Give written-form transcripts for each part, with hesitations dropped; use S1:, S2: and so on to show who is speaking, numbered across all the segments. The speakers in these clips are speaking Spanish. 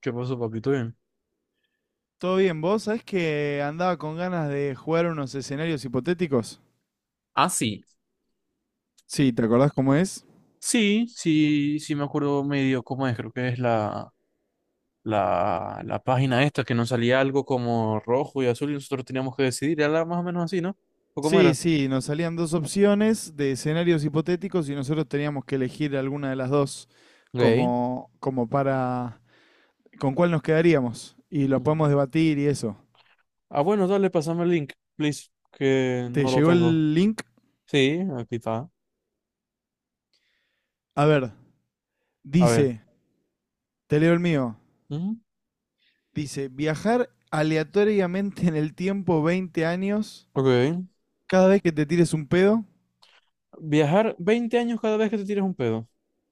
S1: ¿Qué pasó, papito? Bien.
S2: Todo bien, vos sabés que andaba con ganas de jugar unos escenarios hipotéticos.
S1: Ah, sí.
S2: Sí, ¿te acordás cómo es?
S1: Sí, sí, sí me acuerdo medio cómo es, creo que es la página esta, que nos salía algo como rojo y azul y nosotros teníamos que decidir, era más o menos así, ¿no? ¿O cómo
S2: Sí,
S1: era?
S2: sí, nos salían dos opciones de escenarios hipotéticos y nosotros teníamos que elegir alguna de las dos
S1: Ok.
S2: como para con cuál nos quedaríamos y lo
S1: Mm.
S2: podemos debatir y eso.
S1: Ah, bueno, dale, pásame el link, please, que
S2: ¿Te
S1: no lo
S2: llegó
S1: tengo.
S2: el link?
S1: Sí, aquí está.
S2: A ver,
S1: A ver.
S2: dice, te leo el mío.
S1: Ujú.
S2: Dice, viajar aleatoriamente en el tiempo 20 años
S1: Ok.
S2: cada vez que te tires un pedo.
S1: Viajar 20 años cada vez que te tires un pedo.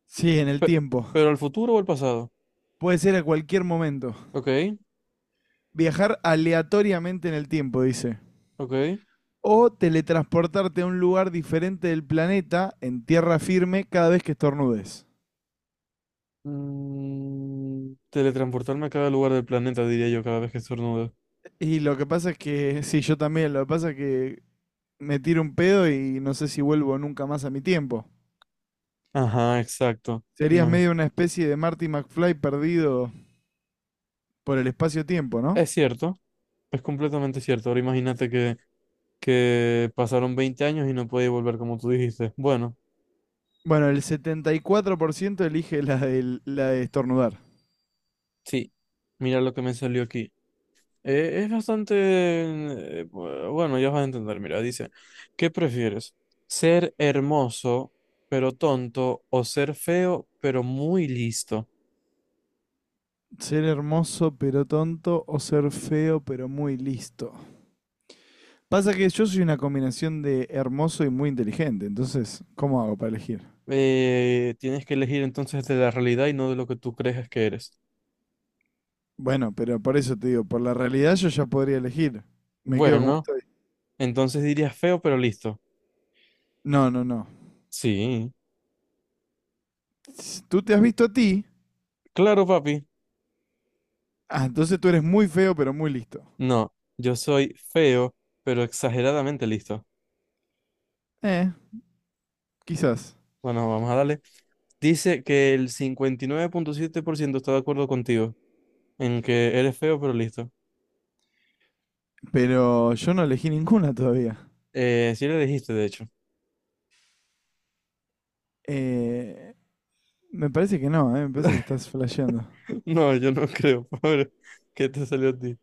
S2: Sí, en el
S1: Pe-
S2: tiempo.
S1: ¿Pero al futuro o al pasado?
S2: Puede ser a cualquier momento.
S1: Ok,
S2: Viajar aleatoriamente en el tiempo, dice.
S1: ok.
S2: O teletransportarte a un lugar diferente del planeta en tierra firme cada vez que estornudes.
S1: Teletransportarme a cada lugar del planeta, diría yo, cada vez que estornudo.
S2: Y lo que pasa es que, sí, yo también, lo que pasa es que me tiro un pedo y no sé si vuelvo nunca más a mi tiempo.
S1: Ajá, exacto.
S2: Serías
S1: Imagi-
S2: medio una especie de Marty McFly perdido por el espacio-tiempo, ¿no?
S1: Es cierto, es completamente cierto. Ahora imagínate que pasaron 20 años y no podía volver como tú dijiste. Bueno,
S2: Bueno, el 74% elige la, la de estornudar.
S1: sí, mira lo que me salió aquí. Es bastante... Bueno, ya vas a entender, mira, dice, ¿qué prefieres? ¿Ser hermoso pero tonto o ser feo pero muy listo?
S2: Ser hermoso pero tonto o ser feo pero muy listo. Pasa que yo soy una combinación de hermoso y muy inteligente, entonces, ¿cómo hago para elegir?
S1: Tienes que elegir entonces de la realidad y no de lo que tú crees que eres.
S2: Bueno, pero por eso te digo, por la realidad yo ya podría elegir. Me quedo como
S1: Bueno,
S2: estoy.
S1: entonces dirías feo, pero listo.
S2: No, no, no.
S1: Sí.
S2: Tú te has visto a ti,
S1: Claro, papi.
S2: ah, entonces tú eres muy feo pero muy listo.
S1: No, yo soy feo, pero exageradamente listo.
S2: Eh, quizás.
S1: Bueno, vamos a darle. Dice que el 59.7% está de acuerdo contigo en que eres feo, pero listo.
S2: Pero yo no elegí ninguna todavía.
S1: Sí le dijiste, de hecho.
S2: Eh, me parece que no, me parece que estás flasheando.
S1: No, yo no creo, pobre, que te salió a ti.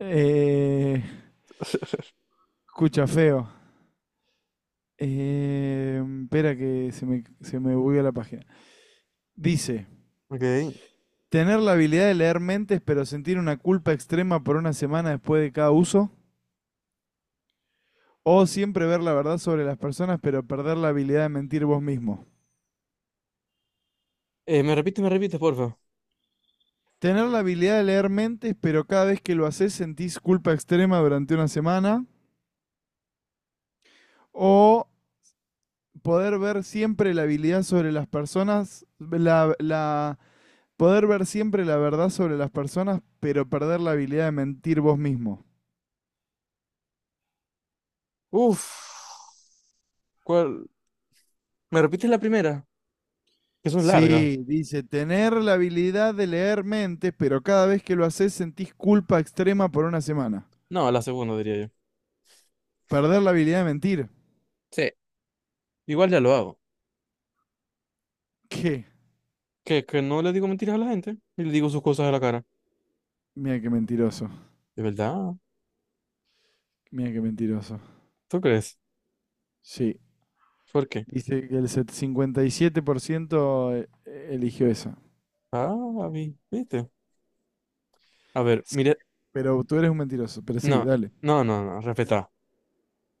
S2: Eh, escucha, feo. Espera que se me bugueó la página. Dice,
S1: Ok. Eh,
S2: tener la habilidad de leer mentes, pero sentir una culpa extrema por una semana después de cada uso. O siempre ver la verdad sobre las personas, pero perder la habilidad de mentir vos mismo.
S1: me repite, me repite, porfa.
S2: Tener la habilidad de leer mentes, pero cada vez que lo haces sentís culpa extrema durante una semana. O poder ver siempre la habilidad sobre las personas, poder ver siempre la verdad sobre las personas, pero perder la habilidad de mentir vos mismo.
S1: Uf. ¿Cuál? ¿Me repites la primera? Que son largas.
S2: Sí, dice, tener la habilidad de leer mentes, pero cada vez que lo haces sentís culpa extrema por una semana.
S1: No, la segunda, diría yo.
S2: Perder la habilidad de mentir.
S1: Sí. Igual ya lo hago.
S2: ¿Qué?
S1: Que no le digo mentiras a la gente y le digo sus cosas a la cara.
S2: Mira qué mentiroso.
S1: ¿De verdad?
S2: Mira qué mentiroso.
S1: ¿Tú crees?
S2: Sí.
S1: ¿Por qué?
S2: Dice que el 57% eligió esa.
S1: Ah, ¿viste? A ver,
S2: Sí,
S1: mire.
S2: pero tú eres un mentiroso. Pero
S1: No,
S2: sí, dale.
S1: no, no, no, respeta.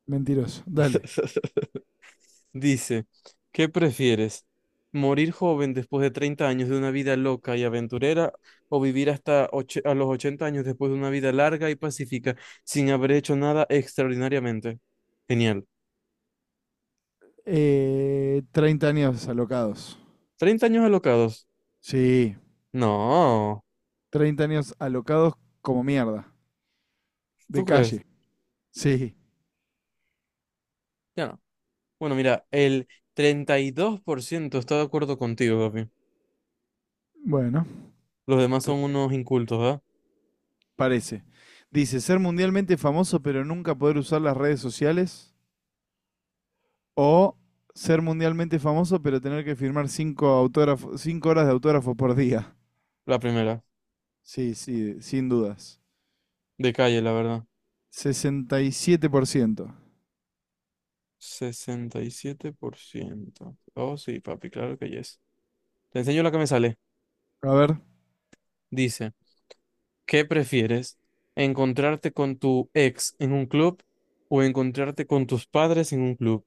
S2: Mentiroso, dale.
S1: Dice, ¿qué prefieres? ¿Morir joven después de 30 años de una vida loca y aventurera o vivir hasta a los 80 años después de una vida larga y pacífica sin haber hecho nada extraordinariamente? Genial.
S2: 30 años alocados.
S1: 30 años alocados.
S2: Sí.
S1: No,
S2: 30 años alocados como mierda. De
S1: ¿tú crees?
S2: calle. Sí.
S1: Ya no. Bueno, mira, el 32% está de acuerdo contigo, papi.
S2: Bueno.
S1: Los demás son unos incultos, ¿verdad?
S2: Parece. Dice, ser mundialmente famoso pero nunca poder usar las redes sociales. O ser mundialmente famoso pero tener que firmar cinco, autógrafos, 5 horas de autógrafo por día.
S1: La primera,
S2: Sí, sí, sin dudas.
S1: de calle, la verdad.
S2: 67%.
S1: 67%. Oh, sí, papi, claro que yes. Te enseño la que me sale.
S2: A ver,
S1: Dice, ¿qué prefieres? ¿Encontrarte con tu ex en un club o encontrarte con tus padres en un club?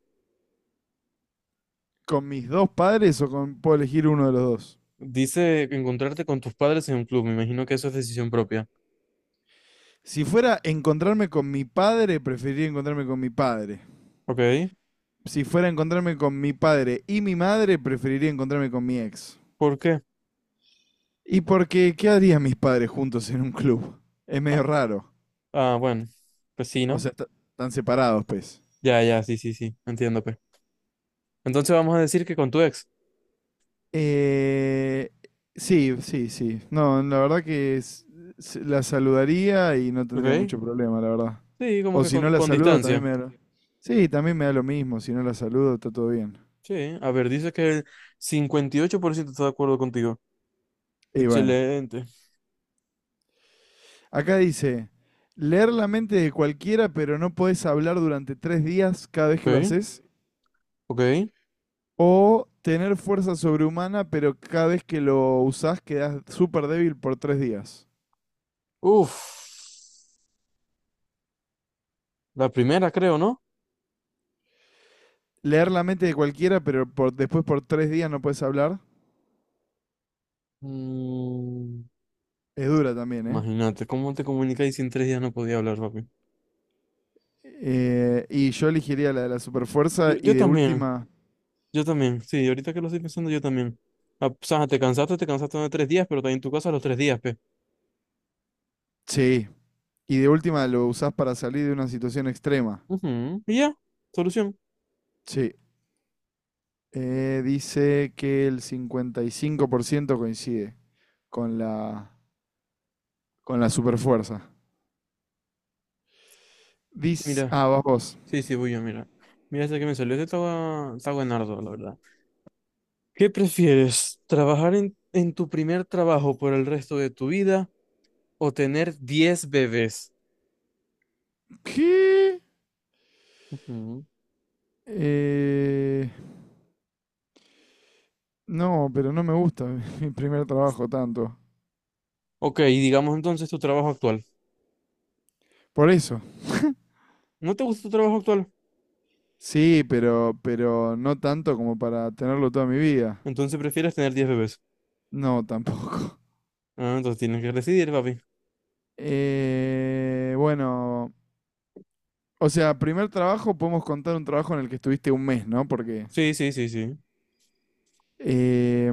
S2: ¿con mis dos padres o puedo elegir uno de los dos?
S1: Dice encontrarte con tus padres en un club. Me imagino que eso es decisión propia.
S2: Si fuera encontrarme con mi padre, preferiría encontrarme con mi padre.
S1: ¿Ok?
S2: Si fuera encontrarme con mi padre y mi madre, preferiría encontrarme con mi ex.
S1: ¿Por qué?
S2: Y porque, ¿qué harían mis padres juntos en un club? Es medio
S1: Ah,
S2: raro.
S1: ah, bueno, pues sí,
S2: O
S1: ¿no?
S2: sea, están separados, pues.
S1: Ya, ya, sí, sí, sí, entiendo, pues. Entonces vamos a decir que con tu ex,
S2: Eh, sí, sí, sí. No, la verdad que la saludaría y no tendría
S1: ¿ok?
S2: mucho problema, la verdad.
S1: Sí, como
S2: O
S1: que
S2: si
S1: con,
S2: no la
S1: con
S2: saludo, también
S1: distancia.
S2: me da lo... Sí, también me da lo mismo. Si no la saludo, está todo bien.
S1: Sí, a ver, dice que el 58% está de acuerdo contigo.
S2: Y bueno,
S1: Excelente.
S2: acá dice, leer la mente de cualquiera, pero no podés hablar durante 3 días cada vez que lo
S1: Ok,
S2: haces.
S1: ok.
S2: O tener fuerza sobrehumana, pero cada vez que lo usás quedás súper débil por 3 días.
S1: Uf, la primera creo, ¿no?
S2: Leer la mente de cualquiera, pero después por 3 días no puedes hablar.
S1: Mm,
S2: Es dura también, ¿eh?
S1: imagínate, ¿cómo te comunicas y si en 3 días no podía hablar, papi?
S2: Y yo elegiría la de la superfuerza
S1: Yo,
S2: y
S1: yo
S2: de
S1: también,
S2: última...
S1: yo también, sí, ahorita que lo estoy pensando, yo también. Ah, o sea, te cansaste de 3 días, pero también en tu casa los 3 días, pe.
S2: Sí. Y de última lo usás para salir de una situación extrema.
S1: Ujú. Y ya, solución.
S2: Sí. Dice que el 55% coincide con la, con la superfuerza. Dice...
S1: Mira,
S2: Ah, vas vos.
S1: sí, sí, voy yo, mira. Mira, este que me salió, este estaba, está buenardo, la verdad. ¿Qué prefieres? ¿Trabajar en tu primer trabajo por el resto de tu vida o tener 10 bebés?
S2: ¿Qué?
S1: Ujú.
S2: Eh, no, pero no me gusta mi primer trabajo tanto.
S1: Ok, digamos entonces tu trabajo actual.
S2: Por eso.
S1: ¿No te gusta tu trabajo actual?
S2: Sí, pero no tanto como para tenerlo toda mi vida.
S1: Entonces prefieres tener 10 bebés.
S2: No, tampoco.
S1: Ah, entonces tienes que decidir, papi.
S2: Bueno, o sea, primer trabajo podemos contar un trabajo en el que estuviste un mes, ¿no? Porque...
S1: Sí, sí, sí, sí.
S2: Eh,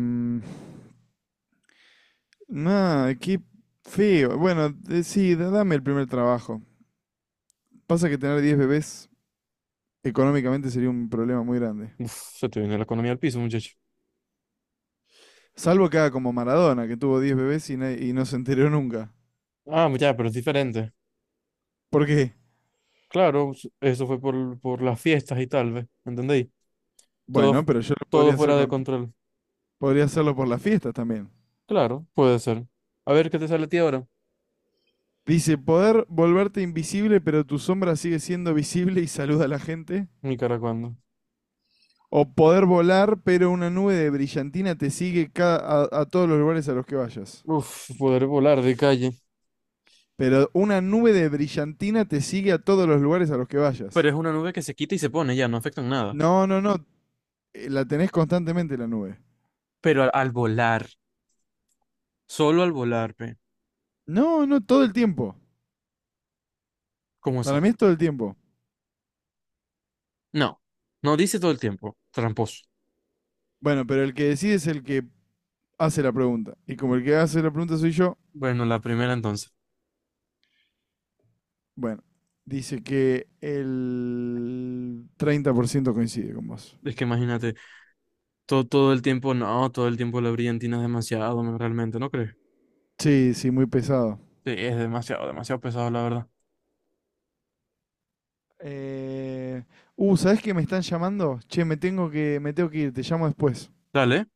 S2: nada, qué feo. Bueno, sí, dame el primer trabajo. Pasa que tener 10 bebés económicamente sería un problema muy grande.
S1: Uf, se te viene la economía al piso, muchacho.
S2: Salvo que haga como Maradona, que tuvo 10 bebés y, y no se enteró nunca.
S1: Ah, ya, pero es diferente.
S2: ¿Por qué?
S1: Claro, eso fue por las fiestas y tal, ¿ves? ¿Entendéis? Todo,
S2: Bueno,
S1: fu-
S2: pero yo lo
S1: todo
S2: podría hacer
S1: fuera de control.
S2: podría hacerlo por las fiestas también.
S1: Claro, puede ser. A ver, ¿qué te sale a ti ahora?
S2: Dice, poder volverte invisible, pero tu sombra sigue siendo visible y saluda a la gente.
S1: Nicaragua.
S2: O poder volar, pero una nube de brillantina te sigue a todos los lugares a los que vayas.
S1: Uf, poder volar de calle.
S2: Pero una nube de brillantina te sigue a todos los lugares a los que
S1: Pero
S2: vayas.
S1: es una nube que se quita y se pone, ya no afecta en nada.
S2: No, no, no. La tenés constantemente la nube.
S1: Pero al volar, solo al volar, pe.
S2: No, no, todo el tiempo.
S1: ¿Cómo
S2: Para
S1: así?
S2: mí es todo el tiempo.
S1: No, no dice todo el tiempo, tramposo.
S2: Bueno, pero el que decide es el que hace la pregunta. Y como el que hace la pregunta soy yo,
S1: Bueno, la primera entonces.
S2: bueno, dice que el 30% coincide con vos.
S1: Es que imagínate, todo, todo el tiempo, no, todo el tiempo la brillantina es demasiado, no, realmente, ¿no crees?
S2: Sí, sí, muy pesado.
S1: Sí, es demasiado, demasiado pesado, la verdad.
S2: Eh, ¿Sabés que me están llamando? Che, me tengo que ir, te llamo después.
S1: Dale.